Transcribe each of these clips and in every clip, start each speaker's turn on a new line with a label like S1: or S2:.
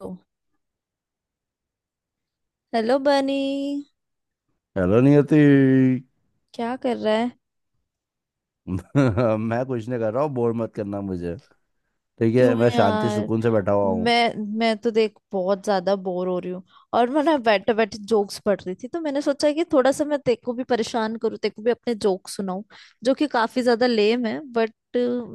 S1: तो, hello Bunny.
S2: Hello Niyati.
S1: क्या कर रहा है?
S2: मैं कुछ नहीं कर रहा हूँ, बोर मत करना मुझे। ठीक
S1: क्यों
S2: है, मैं शांति
S1: यार?
S2: सुकून से बैठा हुआ हूँ।
S1: मैं तो देख बहुत ज्यादा बोर हो रही हूँ। और मैं ना बैठे बैठे जोक्स पढ़ रही थी तो मैंने सोचा कि थोड़ा सा मैं तेरे को भी परेशान करूँ, तेरे को भी अपने जोक सुनाऊं, जो कि काफी ज्यादा लेम है, बट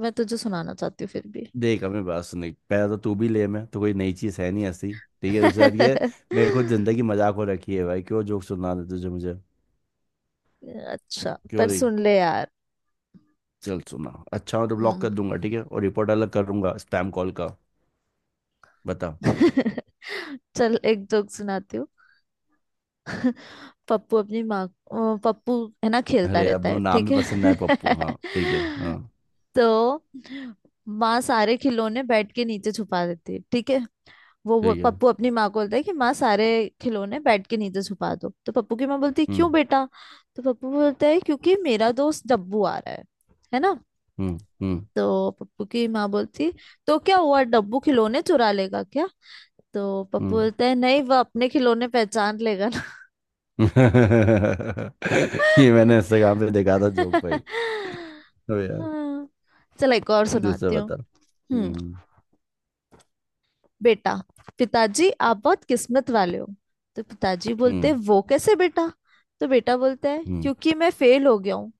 S1: मैं तुझे सुनाना चाहती हूँ फिर भी।
S2: देख हमें बात सुनी, पहला तो तू भी लेम है, तो कोई नई चीज़ है नहीं ऐसी। ठीक है, दूसरी बात ये, मेरे को जिंदगी मजाक हो रखी है भाई, क्यों जोक सुना दे तुझे मुझे।
S1: अच्छा,
S2: क्यों
S1: पर
S2: रही।
S1: सुन ले यार।
S2: चल सुना, अच्छा हो तो ब्लॉक
S1: हम्म।
S2: कर दूंगा ठीक है, और रिपोर्ट अलग कर दूंगा स्पैम कॉल का। बता।
S1: चल, एक जोक सुनाती हूँ। पप्पू अपनी माँ पप्पू, है ना, खेलता
S2: अरे अब
S1: रहता
S2: वो
S1: है,
S2: नाम
S1: ठीक
S2: भी पसंद
S1: है।
S2: आया पप्पू, हाँ ठीक है, हाँ
S1: तो माँ सारे खिलौने बेड के नीचे छुपा देती है, ठीक है। वो
S2: ठीक है।
S1: पप्पू अपनी माँ को बोलता है कि माँ सारे खिलौने बेड के नीचे छुपा दो। तो पप्पू की माँ बोलती है क्यों
S2: हम्म।
S1: बेटा? तो पप्पू बोलता है क्योंकि मेरा दोस्त डब्बू आ रहा है ना।
S2: हम्म। हम्म।
S1: तो पप्पू की माँ बोलती, तो क्या हुआ, डब्बू खिलौने चुरा लेगा क्या? तो पप्पू
S2: हम्म।
S1: बोलता है नहीं, वह अपने खिलौने पहचान लेगा।
S2: ये मैंने इंस्टाग्राम पे देखा था जोक भाई।
S1: हाँ।
S2: तो यार,
S1: चलो, एक और
S2: दूसरा
S1: सुनाती हूँ।
S2: बता।
S1: हम्म।
S2: हम्म।
S1: बेटा, पिताजी आप बहुत किस्मत वाले हो। तो पिताजी बोलते हैं
S2: हम्म।
S1: वो कैसे बेटा? तो बेटा बोलता है
S2: हम्म।
S1: क्योंकि मैं फेल हो गया हूँ,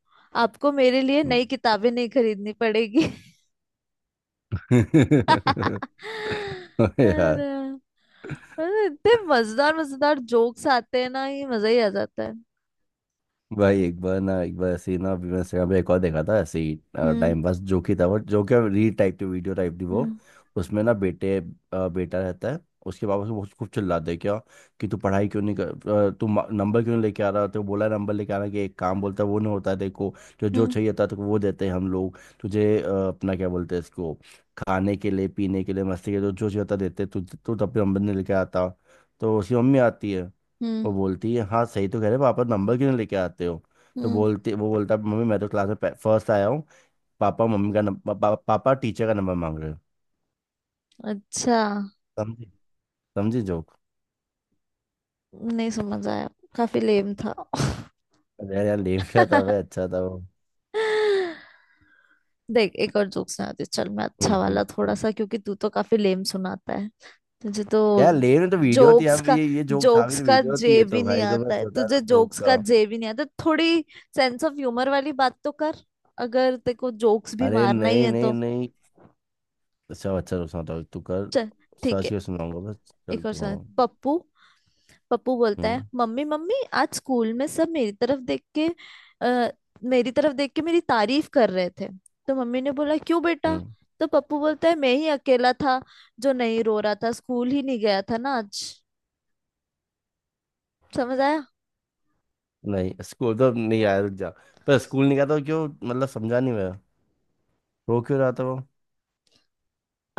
S1: आपको मेरे लिए
S2: हम्म।
S1: नई किताबें नहीं खरीदनी पड़ेगी।
S2: अबे यार।
S1: अरे। अरे, इतने मजेदार मजेदार जोक्स आते हैं ना, ये मजा ही आ जाता है।
S2: भाई एक बार ना, एक बार ऐसे ही ना, अभी मैं इंस्टाग्राम पे एक और देखा था ऐसे ही।
S1: हम्म,
S2: टाइम पास जोक ही था वो, जो क्या रील टाइप की वीडियो टाइप थी वो।
S1: हम्म,
S2: उसमें ना बेटे, बेटा रहता है। उसके पापा उसको बहुत खूब चिल्लाते हैं क्या, कि तू पढ़ाई क्यों नहीं कर, नंबर क्यों नहीं लेके आ रहा। तो बोला नंबर लेके आना कि एक काम बोलता है वो नहीं होता है देखो। जो जो
S1: हम्म,
S2: चाहिए था तो वो देते हैं हम लोग तुझे, अपना क्या बोलते हैं इसको, खाने के लिए, पीने के लिए, मस्ती के लिए जो जो चाहिए होता देते, तू तू तब भी नंबर नहीं लेके आता। तो उसकी मम्मी आती है,
S1: हम्म,
S2: वो बोलती है हाँ सही तो कह रहे हो, पापा नंबर क्यों नहीं लेके आते हो। तो
S1: हम्म।
S2: बोलती वो बोलता है मम्मी मैं तो क्लास में फर्स्ट आया हूँ। पापा टीचर का नंबर मांग रहे हो।
S1: अच्छा।
S2: समझी? समझी जोक?
S1: नहीं समझ आया, काफी लेम था।
S2: अरे यार लेम क्या था भाई, अच्छा था वो।
S1: देख, एक और जोक सुनाती हूँ। चल, मैं
S2: हम्म।
S1: अच्छा वाला
S2: हम्म।
S1: थोड़ा
S2: हम्म।
S1: सा, क्योंकि तू तो काफी लेम सुनाता है। तुझे तो
S2: यार लेम तो वीडियो थी
S1: जोक्स
S2: यार,
S1: का
S2: ये जोक था भी,
S1: जोक्स
S2: तो
S1: का
S2: वीडियो होती
S1: जे
S2: है
S1: भी
S2: तो
S1: नहीं
S2: भाई जो मैं
S1: आता है,
S2: बता रहा
S1: तुझे
S2: हूँ जोक
S1: जोक्स का
S2: का।
S1: जे भी नहीं आता थोड़ी। सेंस ऑफ ह्यूमर वाली बात तो कर, अगर तेरे को जोक्स भी
S2: अरे
S1: मारना ही
S2: नहीं
S1: है
S2: नहीं
S1: तो।
S2: नहीं, अच्छा अच्छा रुक, सुनाता हूँ तू कर।
S1: चल, ठीक
S2: सर्च
S1: है।
S2: के सुनाऊंगा बस।
S1: एक
S2: चल
S1: और
S2: तू,
S1: सुना।
S2: हाँ।
S1: पप्पू, पप्पू बोलता है
S2: हम्म।
S1: मम्मी, मम्मी आज स्कूल में सब मेरी तरफ देख के आ, मेरी तरफ देख के मेरी तारीफ कर रहे थे। तो मम्मी ने बोला क्यों बेटा?
S2: हम्म।
S1: तो पप्पू बोलता है मैं ही अकेला था जो नहीं रो रहा था, स्कूल ही नहीं गया था ना आज। समझ आया?
S2: नहीं स्कूल तो नहीं आया, रुक जा। पर स्कूल नहीं गया तो क्यों, मतलब समझा नहीं मैं। रो क्यों रहा था वो?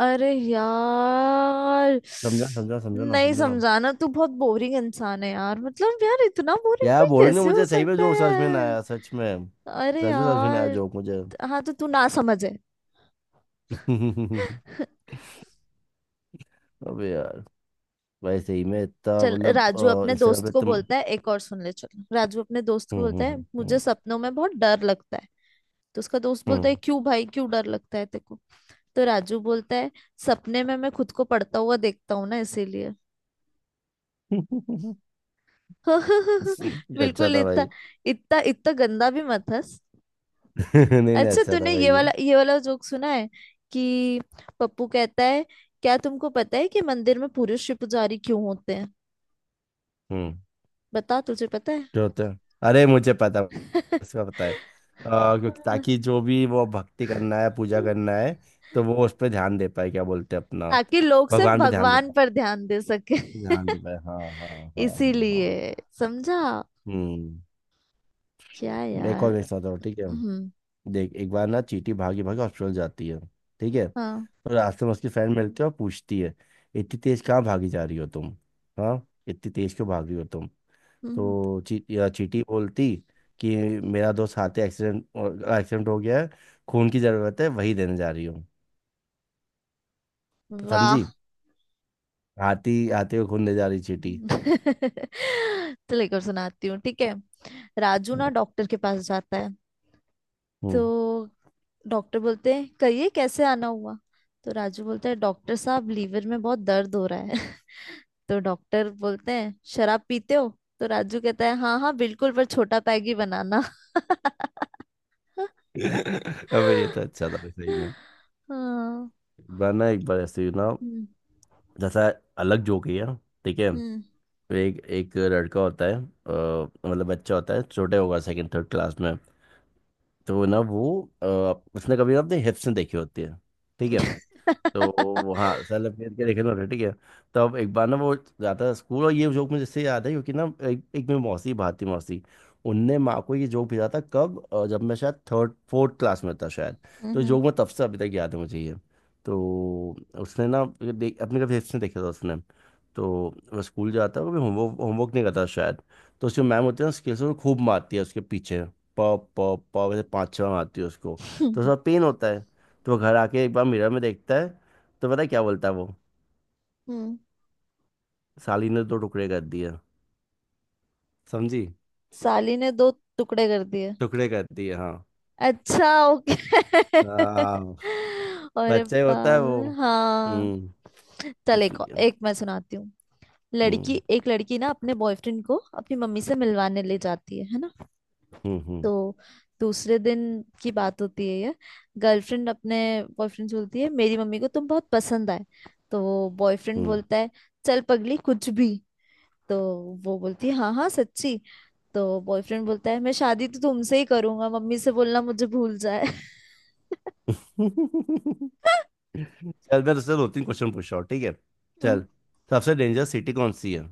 S1: अरे यार,
S2: समझा समझा समझा ना,
S1: नहीं
S2: समझा ना?
S1: समझाना। तू बहुत बोरिंग इंसान है यार, मतलब यार इतना बोरिंग
S2: यार
S1: कोई
S2: बोलेंगे
S1: कैसे हो
S2: मुझे, सही में
S1: सकता है
S2: जोक समझ में ना
S1: यार।
S2: आया सच में।
S1: अरे
S2: सच में समझ में ना आया
S1: यार।
S2: जोक मुझे।
S1: हाँ, तो तू ना समझे।
S2: अबे यार, भाई सही में इतना
S1: चल,
S2: मतलब।
S1: राजू अपने
S2: इंस्टाग्राम
S1: दोस्त
S2: पे
S1: को
S2: तुम।
S1: बोलता है, एक और सुन ले। चलो, राजू अपने दोस्त को
S2: हम्म।
S1: बोलता है
S2: हम्म।
S1: मुझे
S2: हम्म।
S1: सपनों में बहुत डर लगता है। तो उसका दोस्त बोलता है
S2: हम्म।
S1: क्यों भाई, क्यों डर लगता है तेको? तो राजू बोलता है सपने में मैं खुद को पढ़ता हुआ देखता हूँ ना, इसीलिए।
S2: हम्म। ये अच्छा
S1: बिल्कुल,
S2: था
S1: इतना
S2: भाई।
S1: इतना इतना गंदा भी मत हंस।
S2: नहीं नहीं,
S1: अच्छा,
S2: अच्छा था
S1: तूने
S2: भाई
S1: ये
S2: ये।
S1: वाला, ये वाला जोक सुना है कि पप्पू कहता है क्या तुमको पता है कि मंदिर में पुरुष ही पुजारी क्यों होते हैं?
S2: हम्म।
S1: बता, तुझे पता
S2: जो होता है, अरे मुझे पता।
S1: है?
S2: इसका पता है, क्योंकि ताकि जो भी वो भक्ति करना है, पूजा करना है, तो वो उस पर ध्यान दे पाए, क्या बोलते हैं अपना,
S1: ताकि लोग सिर्फ
S2: भगवान पे ध्यान दे।
S1: भगवान पर ध्यान दे सके।
S2: ध्यान दे भाई, हाँ हाँ। हाँ हाँ हाँ।
S1: इसीलिए, समझा
S2: हम्म।
S1: क्या
S2: एक और
S1: यार।
S2: मेरे साथ और, ठीक है।
S1: हम्म।
S2: देख, एक बार ना चींटी भागी भागी हॉस्पिटल जाती है ठीक है,
S1: हाँ।
S2: तो रास्ते में उसकी फ्रेंड मिलती है और पूछती है इतनी तेज कहाँ भागी जा रही हो तुम, हाँ, इतनी तेज क्यों भाग रही हो तुम।
S1: हम्म।
S2: तो ची, या चींटी बोलती कि मेरा दोस्त हाथी एक्सीडेंट एक्सीडेंट हो गया है, खून की जरूरत है, वही देने जा रही हूँ। समझी?
S1: वाह।
S2: हाथी, हाथी को खून दे जा रही चींटी।
S1: चलो, एक और सुनाती हूँ, ठीक है। राजू ना डॉक्टर के पास जाता है। तो
S2: हम्म।
S1: डॉक्टर बोलते हैं कहिए कैसे आना हुआ? तो राजू बोलता है डॉक्टर साहब, लीवर में बहुत दर्द हो रहा है। तो डॉक्टर बोलते हैं शराब पीते हो? तो राजू कहता है हाँ हाँ बिल्कुल, पर छोटा पैग ही बनाना।
S2: अबे ये तो अच्छा था भाई, सही में।
S1: हाँ।
S2: बार ना एक बार ऐसे ही ना,
S1: हम्म,
S2: जैसा अलग जोक ही है, ठीक है।
S1: हम्म।
S2: तो एक एक लड़का होता है, मतलब बच्चा होता है छोटे, होगा सेकंड थर्ड क्लास में। तो ना वो, अ, उसने कभी ना अपने हिप्स नहीं देखी होती है, ठीक है। तो वो हाँ सेल्फ केयर के लिखे हुए, ठीक है। तो अब एक बार ना वो जाता है स्कूल, और ये जोक मुझे इससे याद है क्योंकि ना एक मेरी मौसी भाती मौसी, उनने माँ को ये जोक भेजा था कब, जब मैं शायद थर्ड फोर्थ क्लास में था शायद। तो
S1: हम्म।
S2: जोक मैं तब से अभी तक याद है मुझे ये। तो उसने ना ये देख अपने कभी देखा था उसने। तो वो स्कूल जाता है, वो होमवर्क होमवर्क नहीं करता शायद। तो उसकी मैम होती है ना, स्केल से वो खूब मारती है उसके पीछे। प प प वैसे पाँच छः मारती है उसको, तो उसका पेन होता है। तो वो घर आके एक बार मिरर में देखता है। तो पता है क्या बोलता है वो?
S1: हम्म।
S2: साली ने तो टुकड़े कर दिए। समझी?
S1: साली ने दो टुकड़े कर दिए।
S2: टुकड़े कर दिए, हाँ।
S1: अच्छा, ओके।
S2: हाँ
S1: अरे
S2: बच्चा ही होता है वो।
S1: बाप, हाँ।
S2: हम्म।
S1: चल,
S2: इसलिए।
S1: एक मैं सुनाती हूँ।
S2: हम्म।
S1: लड़की, एक लड़की ना अपने बॉयफ्रेंड को अपनी मम्मी से मिलवाने ले जाती है ना।
S2: हम्म। हम्म।
S1: तो दूसरे दिन की बात होती है ये। गर्लफ्रेंड अपने बॉयफ्रेंड से बोलती है मेरी मम्मी को तुम बहुत पसंद आए। तो बॉयफ्रेंड
S2: हम्म।
S1: बोलता है चल पगली कुछ भी। तो वो बोलती है हाँ हाँ सच्ची। तो बॉयफ्रेंड बोलता है मैं शादी तो तुमसे ही करूंगा, मम्मी से बोलना मुझे भूल जाए।
S2: चल, मैं तुझसे दो तीन क्वेश्चन पूछ रहा हूँ ठीक है, चल। सबसे डेंजरस सिटी कौन सी है?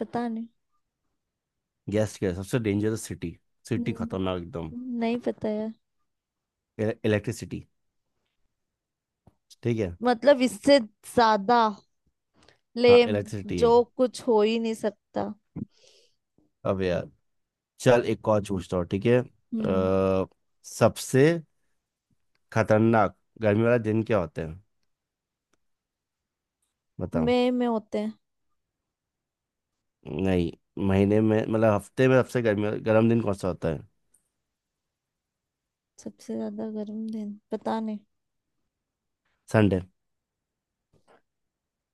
S1: पता नहीं।
S2: गेस कर, सबसे डेंजरस सिटी, सिटी खतरनाक एकदम।
S1: हम्म, नहीं पता यार।
S2: इलेक्ट्रिसिटी, ठीक है।
S1: मतलब, इससे ज्यादा
S2: हाँ,
S1: लेम
S2: इलेक्ट्रिसिटी है।
S1: जो कुछ हो ही नहीं सकता।
S2: अब यार, चल एक और पूछता हूँ ठीक है।
S1: हम्म।
S2: सबसे खतरनाक गर्मी वाला दिन क्या होता है, बताओ।
S1: मई में होते हैं।
S2: नहीं, महीने में, मतलब हफ्ते में, सबसे गर्म दिन कौन सा होता है?
S1: सबसे ज्यादा गर्म दिन पता नहीं।
S2: संडे।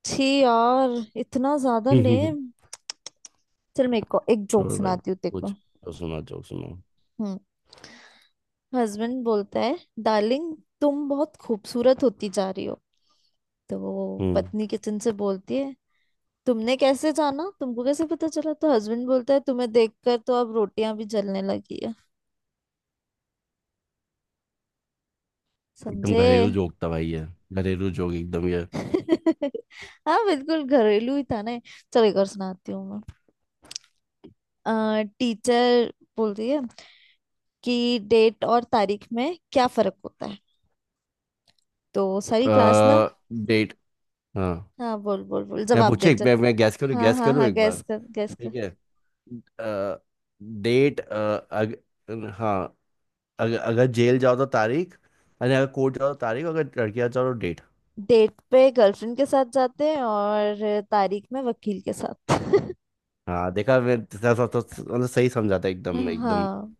S1: छी यार, इतना ज्यादा लेम। चल, मेरे को एक जोक
S2: छोड़ भाई,
S1: सुनाती हूँ देखो।
S2: कुछ तो सुना जोक, सुनो।
S1: हम्म। हस्बैंड बोलता है डार्लिंग, तुम बहुत खूबसूरत होती जा रही हो। तो वो
S2: हम्म।
S1: पत्नी किचन से बोलती है तुमने कैसे जाना, तुमको कैसे पता चला? तो हस्बैंड बोलता है तुम्हें देखकर तो अब रोटियां भी जलने लगी है।
S2: एकदम
S1: समझे?
S2: घरेलू जोक था भाई ये, घरेलू जोक एकदम ये।
S1: हाँ बिल्कुल घरेलू ही था ना ये। चलो, एक और सुनाती हूँ। मैं टीचर बोलती है कि डेट और तारीख में क्या फर्क होता है? तो सारी क्लास ना।
S2: डेट। हाँ।
S1: हाँ, बोल बोल बोल,
S2: मैं
S1: जवाब दे
S2: पूछे एक,
S1: चल।
S2: मैं गैस करूँ
S1: हाँ
S2: गैस
S1: हाँ
S2: करूँ
S1: हाँ,
S2: एक
S1: गैस
S2: बार,
S1: कर गैस कर।
S2: ठीक है। आ, डेट, हाँ, अगर जेल जाओ तो तारीख। अरे अगर कोर्ट जाओ तो तारीख, अगर लड़कियां जाओ तो डेट।
S1: डेट पे गर्लफ्रेंड के साथ जाते हैं और तारीख में वकील के साथ।
S2: हाँ देखा, तो मतलब सही समझा था एकदम एकदम।
S1: हाँ।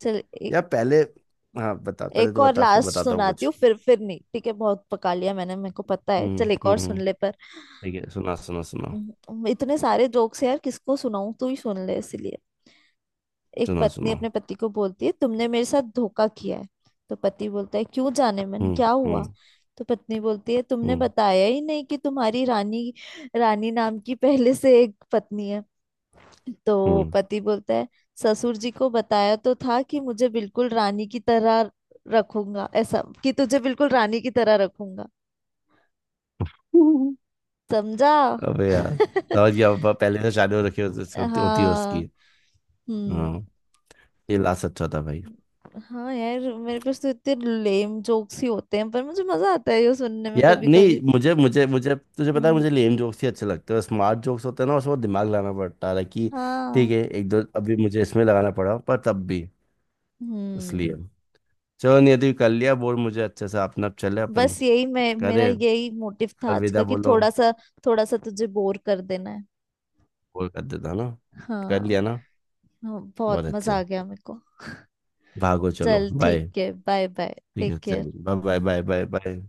S1: चल एक
S2: यार पहले, हाँ बता पहले,
S1: एक
S2: तो
S1: और
S2: बता फिर
S1: लास्ट
S2: बताता हूँ
S1: सुनाती
S2: कुछ।
S1: हूँ, फिर नहीं, ठीक है। बहुत पका लिया मैंने, मेरे को पता है।
S2: हम्म।
S1: चल, एक
S2: हम्म।
S1: और सुन
S2: हम्म।
S1: ले पर।
S2: ठीक है, सुना सुना सुना,
S1: इतने सारे जोक्स यार किसको सुनाऊं, तू ही सुन ले इसलिए। एक
S2: सुना
S1: पत्नी
S2: सुना।
S1: अपने पति को बोलती है तुमने मेरे साथ धोखा किया है। तो पति बोलता है क्यों जाने मन,
S2: हम्म।
S1: क्या
S2: हम्म।
S1: हुआ? तो पत्नी बोलती है तुमने
S2: हम्म।
S1: बताया ही नहीं कि तुम्हारी रानी, रानी नाम की पहले से एक पत्नी है। तो पति बोलता है ससुर जी को बताया तो था कि मुझे बिल्कुल रानी की तरह रखूंगा, ऐसा कि तुझे बिल्कुल रानी की तरह रखूंगा।
S2: हम्म।
S1: समझा?
S2: अबे यार। समझ गया, अब पहले से शादी हो रखी होती होती- होती है
S1: हाँ।
S2: उसकी,
S1: हम्म।
S2: हाँ। ये लास्ट अच्छा था भाई।
S1: हाँ यार, मेरे पास तो इतने लेम जोक्स ही होते हैं, पर मुझे मजा आता है ये सुनने में
S2: यार
S1: कभी कभी।
S2: नहीं, मुझे मुझे मुझे तुझे पता है,
S1: हम्म।
S2: मुझे लेम जोक्स ही अच्छे लगते हैं। स्मार्ट जोक्स होते हैं ना, उसमें दिमाग लाना पड़ता है like कि। ठीक
S1: हाँ।
S2: है, एक दो अभी मुझे इसमें लगाना पड़ा पर तब भी,
S1: हम्म।
S2: इसलिए। चलो नियति, कर लिया बोल मुझे अच्छे से अपना, अब चले अपन।
S1: बस यही, मैं मेरा
S2: करे
S1: यही मोटिव था आज का
S2: अलविदा
S1: कि
S2: बोलो।
S1: थोड़ा सा, थोड़ा सा तुझे बोर कर देना है।
S2: बोल कर देता ना, कर
S1: हाँ।
S2: लिया ना।
S1: हाँ, बहुत
S2: बहुत
S1: मजा आ
S2: अच्छा,
S1: गया मेरे को।
S2: भागो चलो
S1: चल
S2: बाय।
S1: ठीक है, बाय बाय,
S2: ठीक है,
S1: टेक केयर।
S2: चलिए, bye bye, bye bye bye.